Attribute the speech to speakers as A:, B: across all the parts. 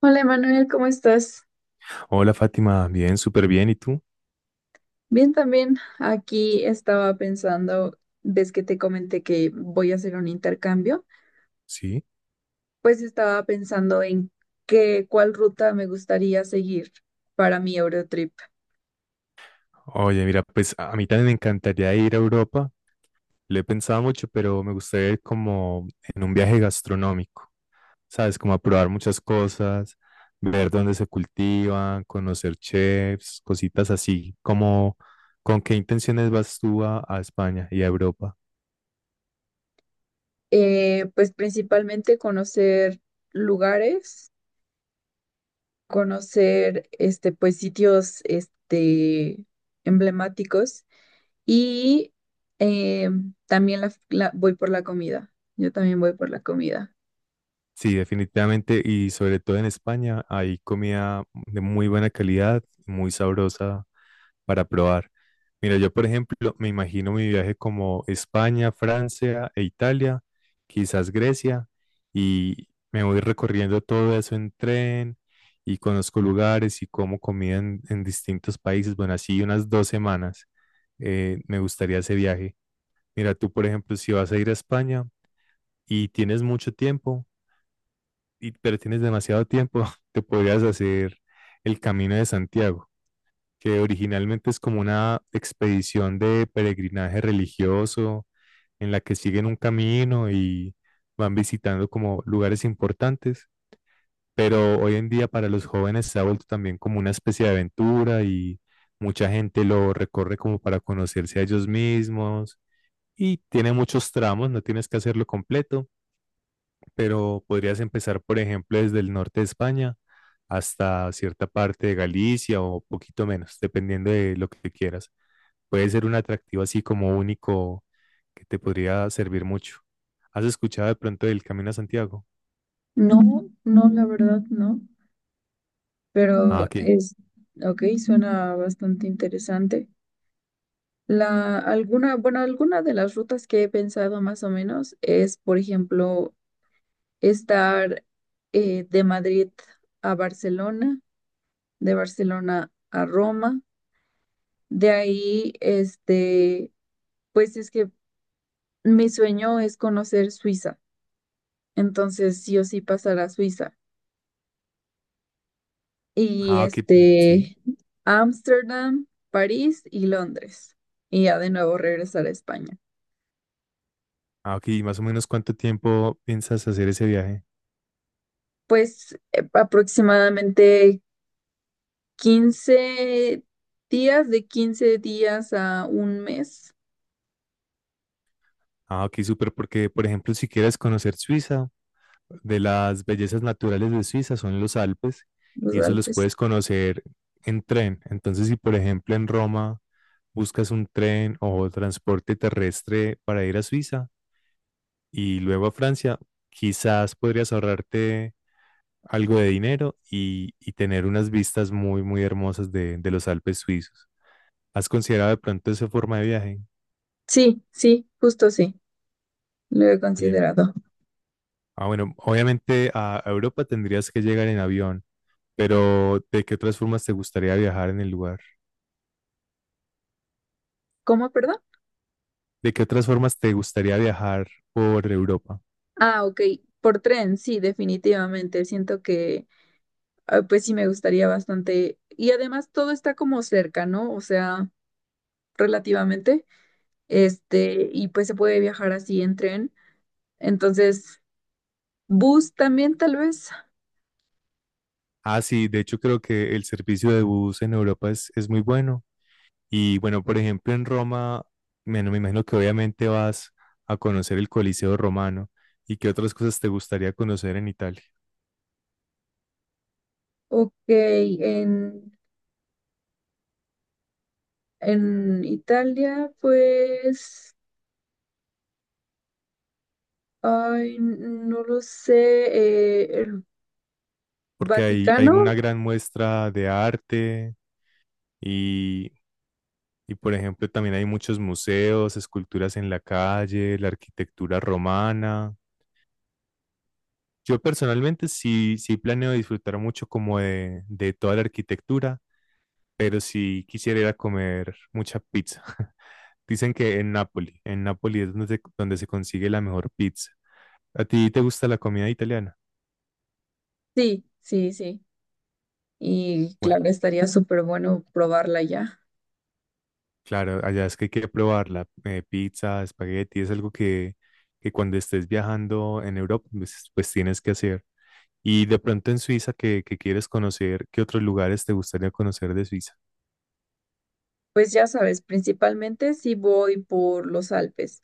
A: Hola Emanuel, ¿cómo estás?
B: Hola Fátima, bien, súper bien. ¿Y tú?
A: Bien también. Aquí estaba pensando, ves que te comenté que voy a hacer un intercambio,
B: Sí.
A: pues estaba pensando en cuál ruta me gustaría seguir para mi Eurotrip.
B: Oye, mira, pues a mí también me encantaría ir a Europa. Lo he pensado mucho, pero me gustaría ir como en un viaje gastronómico, ¿sabes? Como a probar muchas cosas, ver dónde se cultivan, conocer chefs, cositas así. Como, ¿con qué intenciones vas tú a España y a Europa?
A: Pues principalmente conocer lugares, conocer este, pues sitios este, emblemáticos y eh, también voy por la comida. Yo también voy por la comida.
B: Sí, definitivamente. Y sobre todo en España hay comida de muy buena calidad, muy sabrosa para probar. Mira, yo por ejemplo me imagino mi viaje como España, Francia e Italia, quizás Grecia, y me voy recorriendo todo eso en tren y conozco lugares y como comida en distintos países. Bueno, así unas dos semanas me gustaría ese viaje. Mira, tú por ejemplo, si vas a ir a España y tienes mucho tiempo, pero tienes demasiado tiempo, te podrías hacer el Camino de Santiago que originalmente es como una expedición de peregrinaje religioso en la que siguen un camino y van visitando como lugares importantes, pero hoy en día para los jóvenes se ha vuelto también como una especie de aventura y mucha gente lo recorre como para conocerse a ellos mismos y tiene muchos tramos, no tienes que hacerlo completo, pero podrías empezar, por ejemplo, desde el norte de España hasta cierta parte de Galicia o poquito menos, dependiendo de lo que quieras. Puede ser un atractivo así como único que te podría servir mucho. ¿Has escuchado de pronto del Camino a Santiago?
A: No, no, la verdad no,
B: Ah,
A: pero
B: ok.
A: es, ok, suena bastante interesante. Bueno, alguna de las rutas que he pensado más o menos es, por ejemplo, estar de Madrid a Barcelona, de Barcelona a Roma, de ahí, este, pues es que mi sueño es conocer Suiza, entonces sí o sí pasar a Suiza. Y
B: Ah, ok, pero sí.
A: este, Ámsterdam, París y Londres. Y ya de nuevo regresar a España.
B: Ah, ok. ¿Y más o menos cuánto tiempo piensas hacer ese viaje?
A: Pues aproximadamente 15 días, de 15 días a un mes,
B: Ah, ok, súper, porque por ejemplo, si quieres conocer Suiza, de las bellezas naturales de Suiza son los Alpes
A: los
B: y eso los
A: Alpes.
B: puedes conocer en tren. Entonces, si por ejemplo en Roma buscas un tren o transporte terrestre para ir a Suiza, y luego a Francia, quizás podrías ahorrarte algo de dinero y tener unas vistas muy, muy hermosas de los Alpes suizos. ¿Has considerado de pronto esa forma de viaje?
A: Sí, sí, justo sí, lo he
B: Oye,
A: considerado.
B: bueno, obviamente a Europa tendrías que llegar en avión, pero ¿de qué otras formas te gustaría viajar en el lugar?
A: ¿Cómo, perdón?
B: ¿De qué otras formas te gustaría viajar por Europa?
A: Ah, ok, por tren, sí, definitivamente. Siento que, ah, pues sí, me gustaría bastante. Y además todo está como cerca, ¿no? O sea, relativamente. Este, y pues se puede viajar así en tren. Entonces, bus también tal vez.
B: Ah, sí, de hecho creo que el servicio de bus en Europa es muy bueno. Y bueno, por ejemplo, en Roma, bueno, me imagino que obviamente vas a conocer el Coliseo romano y qué otras cosas te gustaría conocer en Italia,
A: Ok, en Italia, pues, ay, no lo sé, el
B: porque hay
A: Vaticano,
B: una gran muestra de arte y, por ejemplo, también hay muchos museos, esculturas en la calle, la arquitectura romana. Yo personalmente sí, sí planeo disfrutar mucho como de toda la arquitectura pero sí quisiera ir a comer mucha pizza. Dicen que en Nápoli es donde se consigue la mejor pizza. ¿A ti te gusta la comida italiana?
A: sí, sí, sí. Y
B: Bueno,
A: claro, estaría súper bueno probarla ya.
B: claro, allá es que hay que probarla. Pizza, espagueti, es algo que cuando estés viajando en Europa, pues, pues tienes que hacer. Y de pronto en Suiza, que quieres conocer, ¿qué otros lugares te gustaría conocer de Suiza?
A: Pues ya sabes, principalmente si voy por los Alpes,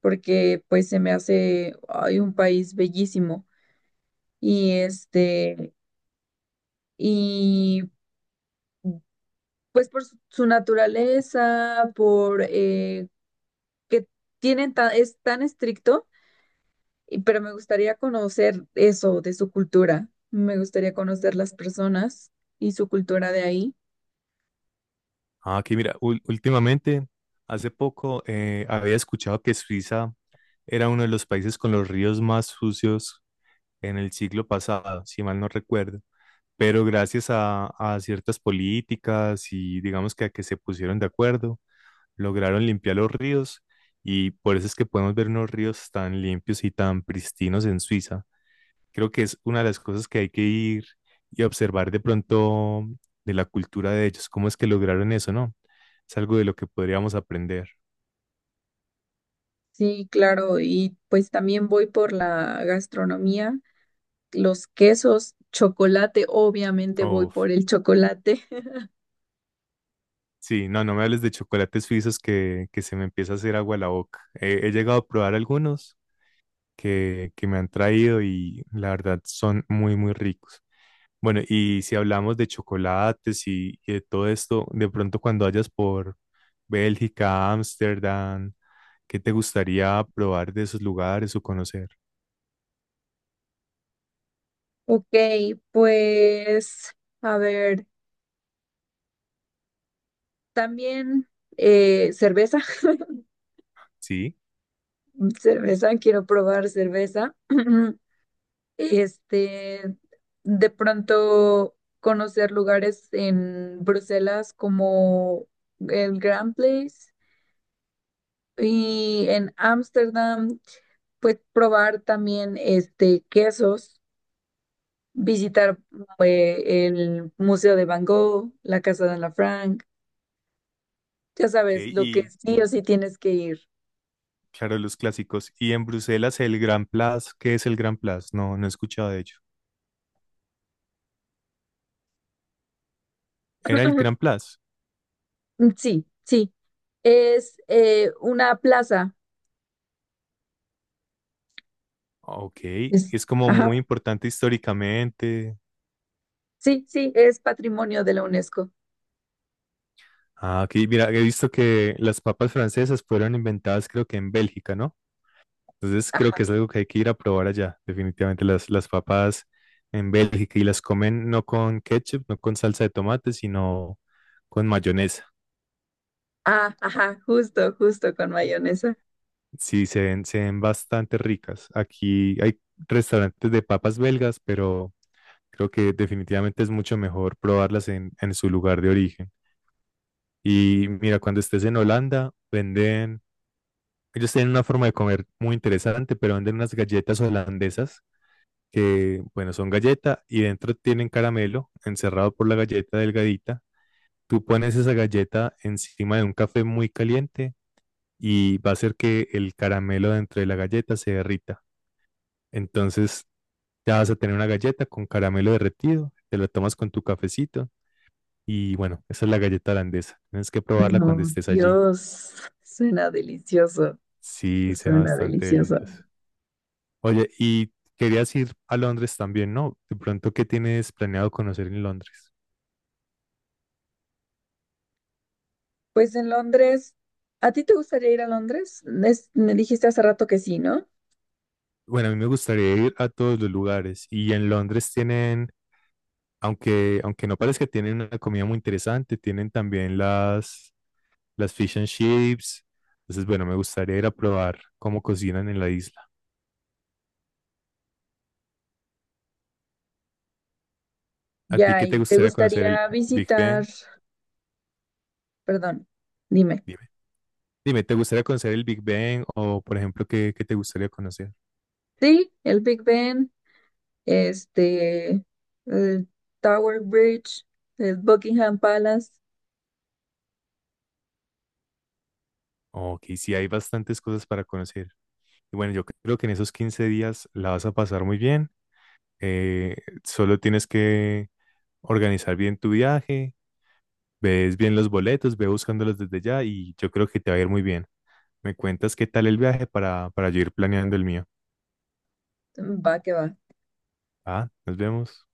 A: porque pues se me hace, ay, un país bellísimo. Y este, y pues por su naturaleza, por que es tan estricto, pero me gustaría conocer eso de su cultura. Me gustaría conocer las personas y su cultura de ahí.
B: Ah, aquí mira, últimamente, hace poco había escuchado que Suiza era uno de los países con los ríos más sucios en el siglo pasado, si mal no recuerdo, pero gracias a ciertas políticas y digamos que a que se pusieron de acuerdo, lograron limpiar los ríos y por eso es que podemos ver unos ríos tan limpios y tan pristinos en Suiza. Creo que es una de las cosas que hay que ir y observar de pronto de la cultura de ellos, cómo es que lograron eso, ¿no? Es algo de lo que podríamos aprender.
A: Sí, claro, y pues también voy por la gastronomía, los quesos, chocolate, obviamente voy
B: Uf,
A: por el chocolate.
B: sí, no, no me hables de chocolates suizos que se me empieza a hacer agua la boca. He, he llegado a probar algunos que me han traído y la verdad son muy, muy ricos. Bueno, y si hablamos de chocolates y de todo esto, de pronto cuando vayas por Bélgica, Ámsterdam, ¿qué te gustaría probar de esos lugares o conocer?
A: Ok, pues a ver, también cerveza.
B: Sí,
A: Cerveza, quiero probar cerveza. Este, de pronto conocer lugares en Bruselas como el Grand Place y en Ámsterdam, pues probar también este quesos, visitar el Museo de Van Gogh, la Casa de Ana Frank, ya
B: ok,
A: sabes, lo que
B: y
A: sí o sí tienes que ir.
B: claro, los clásicos. Y en Bruselas, el Grand Place, ¿qué es el Grand Place? No, no he escuchado de ello. ¿Era el Grand Place?
A: Sí, sí. Es una plaza.
B: Ok,
A: Es,
B: es como
A: ajá,
B: muy importante históricamente.
A: sí, sí, es patrimonio de la UNESCO.
B: Ah, ok, mira, he visto que las papas francesas fueron inventadas creo que en Bélgica, ¿no? Entonces creo
A: Ah,
B: que es algo que hay que ir a probar allá. Definitivamente las papas en Bélgica y las comen no con ketchup, no con salsa de tomate, sino con mayonesa.
A: ah, ajá, justo, justo con mayonesa.
B: Sí, se ven bastante ricas. Aquí hay restaurantes de papas belgas, pero creo que definitivamente es mucho mejor probarlas en su lugar de origen. Y mira, cuando estés en Holanda, venden, ellos tienen una forma de comer muy interesante, pero venden unas galletas holandesas que, bueno, son galleta y dentro tienen caramelo encerrado por la galleta delgadita. Tú pones esa galleta encima de un café muy caliente y va a hacer que el caramelo dentro de la galleta se derrita. Entonces ya vas a tener una galleta con caramelo derretido, te la tomas con tu cafecito y bueno, esa es la galleta holandesa. Tienes que probarla cuando
A: No,
B: estés allí.
A: Dios, suena delicioso,
B: Sí, suena
A: suena
B: bastante
A: delicioso.
B: delicioso. Oye, y querías ir a Londres también, ¿no? De pronto, ¿qué tienes planeado conocer en Londres?
A: Pues en Londres, ¿a ti te gustaría ir a Londres? Es- me dijiste hace rato que sí, ¿no?
B: Bueno, a mí me gustaría ir a todos los lugares y en Londres tienen, aunque, aunque no parezca, tienen una comida muy interesante, tienen también las fish and chips. Entonces, bueno, me gustaría ir a probar cómo cocinan en la isla. ¿A ti
A: Ya,
B: qué te
A: y te
B: gustaría conocer el
A: gustaría
B: Big
A: visitar,
B: Bang?
A: perdón, dime.
B: Dime. Dime, ¿te gustaría conocer el Big Bang o, por ejemplo, qué te gustaría conocer?
A: Sí, el Big Ben, este, el Tower Bridge, el Buckingham Palace,
B: Oh, ok, sí, hay bastantes cosas para conocer. Y bueno, yo creo que en esos 15 días la vas a pasar muy bien. Eh, solo tienes que organizar bien tu viaje, ves bien los boletos, ve buscándolos desde ya y yo creo que te va a ir muy bien. Me cuentas qué tal el viaje para yo ir planeando el mío.
A: va que va.
B: Ah, nos vemos.